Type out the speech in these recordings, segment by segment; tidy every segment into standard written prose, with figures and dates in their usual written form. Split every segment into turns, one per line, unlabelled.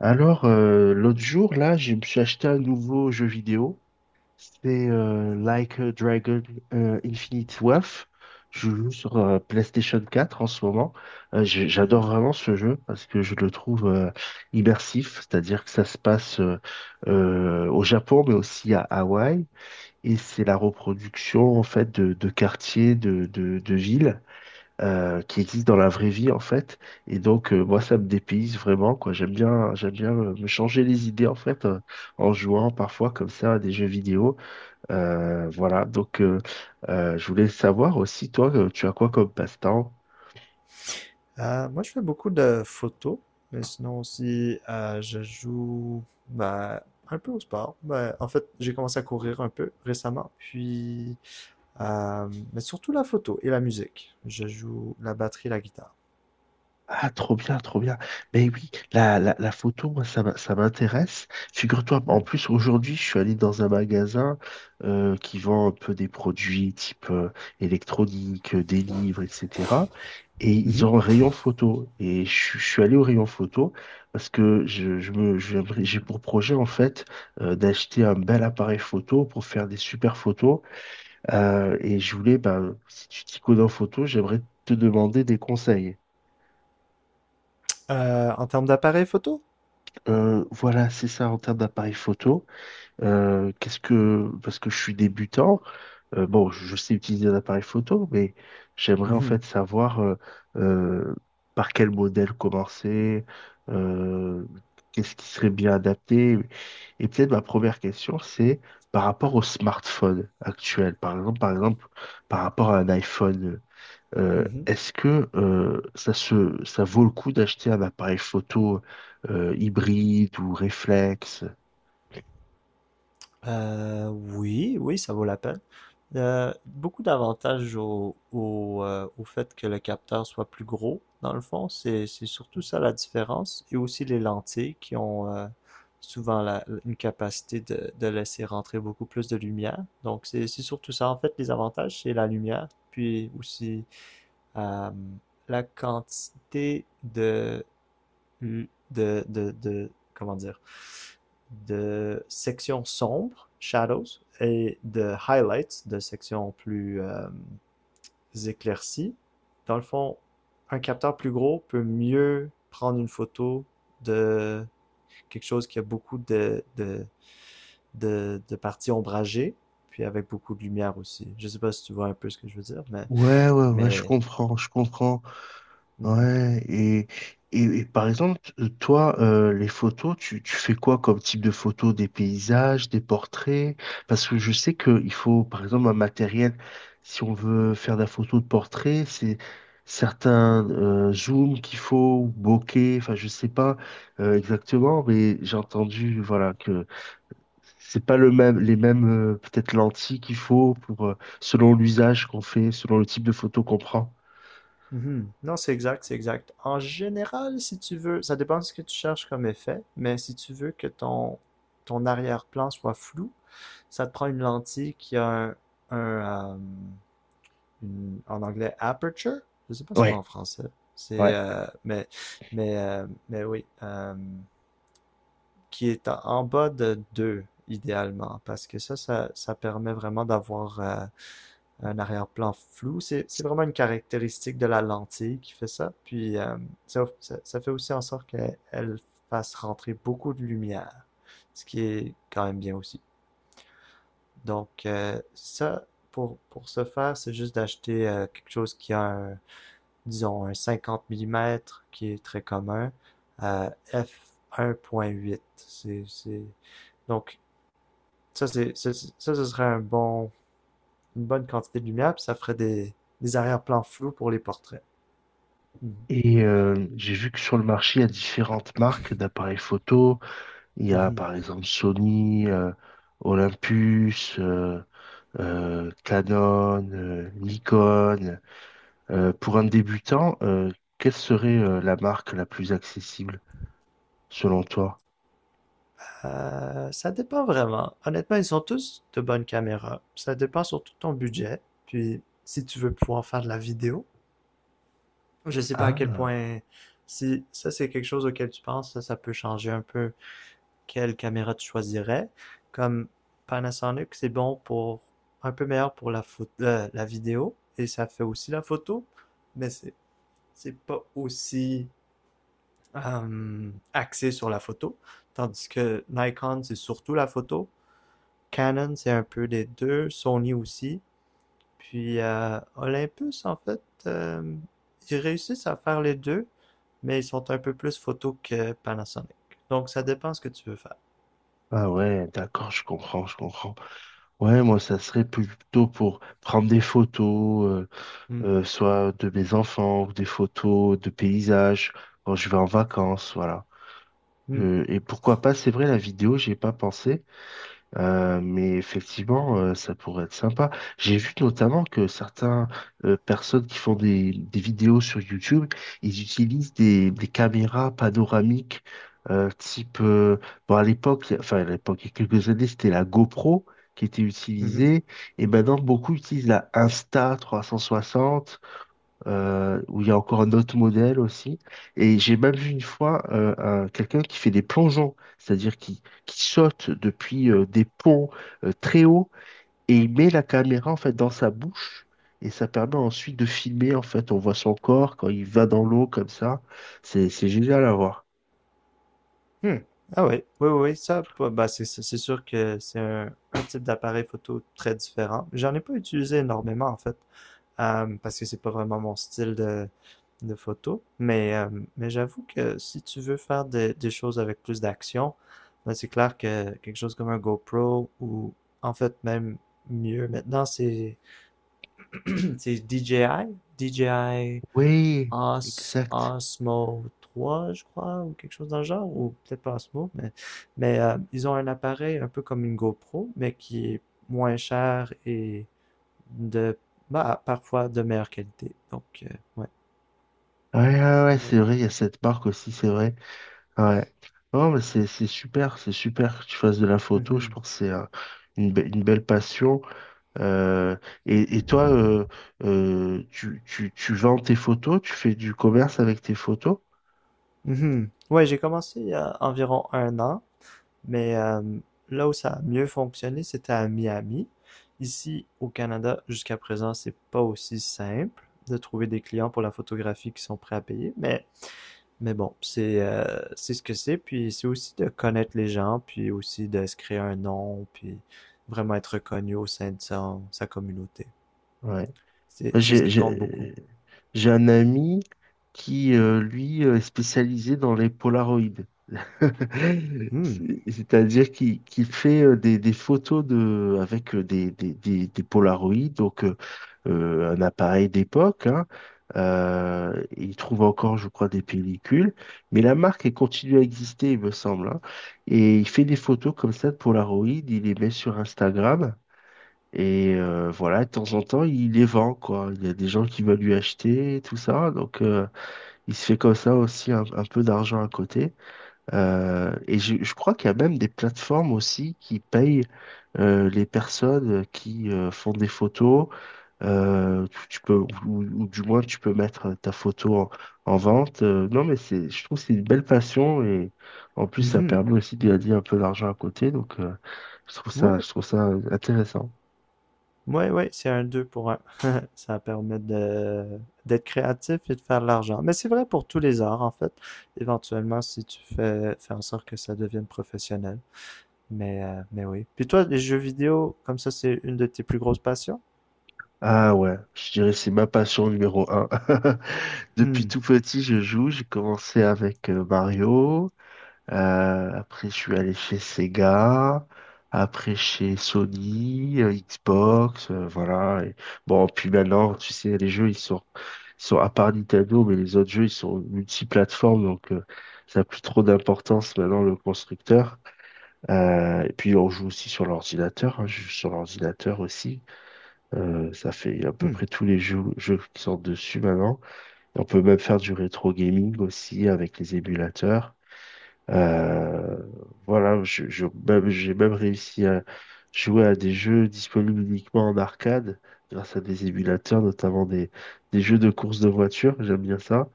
L'autre jour, là, je me suis acheté un nouveau jeu vidéo. C'est Like a Dragon Infinite Wealth. Je joue sur PlayStation 4 en ce moment.
Mhm.
J'adore vraiment ce jeu parce que je le trouve immersif, c'est-à-dire que ça se passe au Japon, mais aussi à Hawaï. Et c'est la reproduction, en fait, de quartiers, de villes qui existent dans la vraie vie en fait. Et donc moi ça me dépayse vraiment quoi. J'aime bien me changer les idées en fait en jouant parfois comme ça à des jeux vidéo. Voilà donc, je voulais savoir aussi toi tu as quoi comme passe-temps?
Moi, je fais beaucoup de photos, mais sinon aussi, je joue bah, un peu au sport. Bah, en fait, j'ai commencé à courir un peu récemment, puis, mais surtout la photo et la musique. Je joue la batterie, la guitare.
Ah, trop bien, trop bien. Mais oui, la photo, moi, ça m'intéresse. Figure-toi, en
Hmm.
plus, aujourd'hui, je suis allé dans un magasin qui vend un peu des produits type électronique, des livres, etc. Et ils
Mhm.
ont un rayon photo. Et je suis allé au rayon photo parce que j'ai pour projet, en fait, d'acheter un bel appareil photo pour faire des super photos. Et je voulais, ben, si tu t'y connais en photo, j'aimerais te demander des conseils.
En termes d'appareil photo?
Voilà, c'est ça en termes d'appareil photo. Parce que je suis débutant, bon, je sais utiliser un appareil photo, mais j'aimerais en
Mhm.
fait savoir euh, par quel modèle commencer, euh, qu'est-ce qui serait bien adapté. Et peut-être ma première question, c'est par rapport au smartphone actuel, par exemple, par rapport à un iPhone.
Mhm.
Est-ce que ça se, ça vaut le coup d'acheter un appareil photo hybride ou réflexe?
Oui, oui, ça vaut la peine. Beaucoup d'avantages au fait que le capteur soit plus gros, dans le fond. C'est surtout ça la différence. Et aussi les lentilles qui ont souvent une capacité de laisser rentrer beaucoup plus de lumière. Donc c'est surtout ça. En fait, les avantages, c'est la lumière, puis aussi euh, la quantité de, comment dire, de sections sombres, shadows, et de highlights, de sections plus éclaircies. Dans le fond, un capteur plus gros peut mieux prendre une photo de quelque chose qui a beaucoup de parties ombragées, puis avec beaucoup de lumière aussi. Je sais pas si tu vois un peu ce que je veux dire, mais,
Ouais, ouais, ouais, je
mais
comprends, je comprends.
mhm.
Ouais, et par exemple, toi, les photos, tu fais quoi comme type de photos? Des paysages, des portraits? Parce que je sais qu'il faut, par exemple, un matériel, si on veut faire de la photo de portrait, c'est certains zooms qu'il faut, ou bokeh, enfin, je sais pas exactement, mais j'ai entendu, voilà, que c'est pas le même, les mêmes, peut-être lentilles qu'il faut pour, selon l'usage qu'on fait, selon le type de photo qu'on prend.
Mhm. Non, c'est exact, c'est exact. En général, si tu veux, ça dépend de ce que tu cherches comme effet, mais si tu veux que ton arrière-plan soit flou, ça te prend une lentille qui a un, euh, en anglais aperture. Je sais pas c'est quoi en
Ouais,
français. C'est,
ouais.
euh, mais, mais oui, qui est en bas de 2 idéalement, parce que ça permet vraiment d'avoir un arrière-plan flou. C'est vraiment une caractéristique de la lentille qui fait ça. Puis fait aussi en sorte qu'elle fasse rentrer beaucoup de lumière, ce qui est quand même bien aussi. Donc pour ce faire, c'est juste d'acheter quelque chose qui a un, disons, un 50 mm qui est très commun, f1.8. C'est... Donc ça, ce serait un bon une bonne quantité de lumière, puis ça ferait des arrière-plans flous pour les portraits.
Et j'ai vu que sur le marché, il y a différentes marques d'appareils photo. Il y a
Mhm.
par exemple Sony, Olympus, Canon, Nikon. Pour un débutant, quelle serait la marque la plus accessible selon toi?
Ça dépend vraiment. Honnêtement, ils sont tous de bonnes caméras. Ça dépend surtout de ton budget. Puis, si tu veux pouvoir faire de la vidéo, je sais pas à quel
Ah,
point. Si ça, c'est quelque chose auquel tu penses, ça peut changer un peu quelle caméra tu choisirais. Comme Panasonic, c'est bon pour, un peu meilleur pour photo, la vidéo. Et ça fait aussi la photo. Mais c'est pas aussi axé sur la photo, tandis que Nikon, c'est surtout la photo. Canon, c'est un peu les deux. Sony aussi. Puis Olympus, en fait, euh, ils réussissent à faire les deux, mais ils sont un peu plus photo que Panasonic. Donc, ça dépend ce que tu veux faire.
ah, ouais, d'accord, je comprends, je comprends. Ouais, moi, ça serait plutôt pour prendre des photos,
Hmm,
soit de mes enfants, ou des photos de paysages, quand je vais en vacances, voilà.
hmm,
Et pourquoi pas, c'est vrai, la vidéo, j'y ai pas pensé, mais effectivement, ça pourrait être sympa. J'ai vu notamment que certaines personnes qui font des vidéos sur YouTube, ils utilisent des caméras panoramiques type, bon, à l'époque, il y a- enfin à l'époque, il y a quelques années, c'était la GoPro qui était
mhm,
utilisée. Et maintenant, beaucoup utilisent la Insta360 où il y a encore un autre modèle aussi. Et j'ai même vu une fois quelqu'un qui fait des plongeons, c'est-à-dire qui saute depuis des ponts très hauts et il met la caméra en fait dans sa bouche et ça permet ensuite de filmer en fait. On voit son corps quand il va dans l'eau comme ça. C'est génial à voir.
hmm. Ah oui, oui, oui, oui, ça, bah, bah, c'est sûr que c'est un type d'appareil photo très différent. J'en ai pas utilisé énormément, en fait, parce que c'est pas vraiment mon style de photos. Mais j'avoue que si tu veux faire des choses avec plus d'action, ben, c'est clair que quelque chose comme un GoPro ou en fait même mieux maintenant, c'est c'est DJI
Oui, exact.
Osmo 3, je crois, ou quelque chose dans le genre, ou peut-être pas Osmo, ils ont un appareil un peu comme une GoPro, mais qui est moins cher et de bah, parfois de meilleure qualité. Donc, ouais.
Ouais, ouais, ouais,
Ouais.
c'est vrai, il y a cette marque aussi, c'est vrai. Ouais. Non, mais c'est super, c'est super que tu fasses de la photo. Je
Mhm.
pense que c'est une belle passion. Euh, et toi, tu vends tes photos, tu fais du commerce avec tes photos?
Mhm. Ouais, j'ai commencé il y a environ un an, mais là où ça a mieux fonctionné, c'était à Miami. Ici, au Canada, jusqu'à présent, c'est pas aussi simple de trouver des clients pour la photographie qui sont prêts à payer, mais bon, c'est ce que c'est, puis c'est aussi de connaître les gens, puis aussi de se créer un nom, puis vraiment être reconnu au sein de sa communauté.
Ouais.
C'est
Moi,
c'est ce
J'ai,
qui compte beaucoup.
j'ai, j'ai un ami qui, est spécialisé dans les Polaroids.
Hmm.
C'est-à-dire qu'il fait des photos de, avec des Polaroids, donc un appareil d'époque, hein. Il trouve encore, je crois, des pellicules, mais la marque, elle continue à exister, il me semble, hein. Et il fait des photos comme ça de Polaroid, il les met sur Instagram. Et voilà, de temps en temps, il les vend, quoi. Il y a des gens qui veulent lui acheter, tout ça. Donc, il se fait comme ça aussi un peu d'argent à côté. Je crois qu'il y a même des plateformes aussi qui payent les personnes qui font des photos. Euh, tu, tu peux, ou du moins, tu peux mettre ta photo en vente. Non, mais c'est, je trouve que c'est une belle passion et en plus, ça
Mhm.
permet aussi de gagner un peu d'argent à côté. Donc,
Ouais.
je trouve ça intéressant.
Ouais, ouais, c'est un 2 pour un. Ça permet de d'être créatif et de faire de l'argent. Mais c'est vrai pour tous les arts, en fait. Éventuellement, si tu fais en sorte que ça devienne professionnel. Mais oui. Puis toi, les jeux vidéo, comme ça, c'est une de tes plus grosses passions?
Ah ouais, je dirais que c'est ma passion numéro un. Depuis
Hmm,
tout petit, je joue. J'ai commencé avec Mario. Après, je suis allé chez Sega. Après, chez Sony, Xbox, voilà. Et bon, puis maintenant, tu sais, les jeux, ils sont à part Nintendo, mais les autres jeux, ils sont multiplateformes, donc ça n'a plus trop d'importance maintenant, le constructeur. Et puis, on joue aussi sur l'ordinateur, hein, je joue sur l'ordinateur aussi. Ça fait à peu
hmm,
près tous les jeux qui sortent dessus maintenant. Et on peut même faire du rétro gaming aussi avec les émulateurs. Euh, j'ai même réussi à jouer à des jeux disponibles uniquement en arcade, grâce à des émulateurs, notamment des jeux de course de voiture, j'aime bien ça.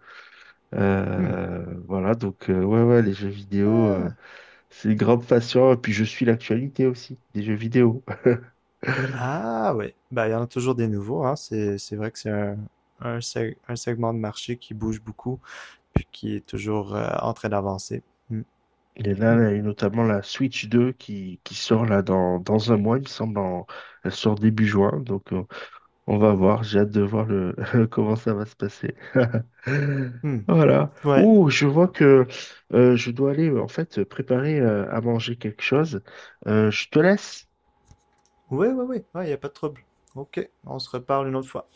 hmm.
Ouais, ouais, les jeux vidéo,
Ah,
c'est une grande passion, et puis je suis l'actualité aussi des jeux vidéo.
ah oui. Ben, il y en a toujours des nouveaux, hein. C'est vrai que c'est un segment de marché qui bouge beaucoup, puis qui est toujours en train d'avancer. Hmm,
Et
hmm,
là, il y a notamment la Switch 2 qui sort là dans un mois, il me semble, elle sort début juin, donc on va voir, j'ai hâte de voir le comment ça va se passer.
hmm.
Voilà.
Ouais,
Ouh, je vois que je dois aller en fait préparer à manger quelque chose. Je te laisse.
ouais, ouais, ouais, ouais, il y a pas de trouble. OK, on se reparle une autre fois.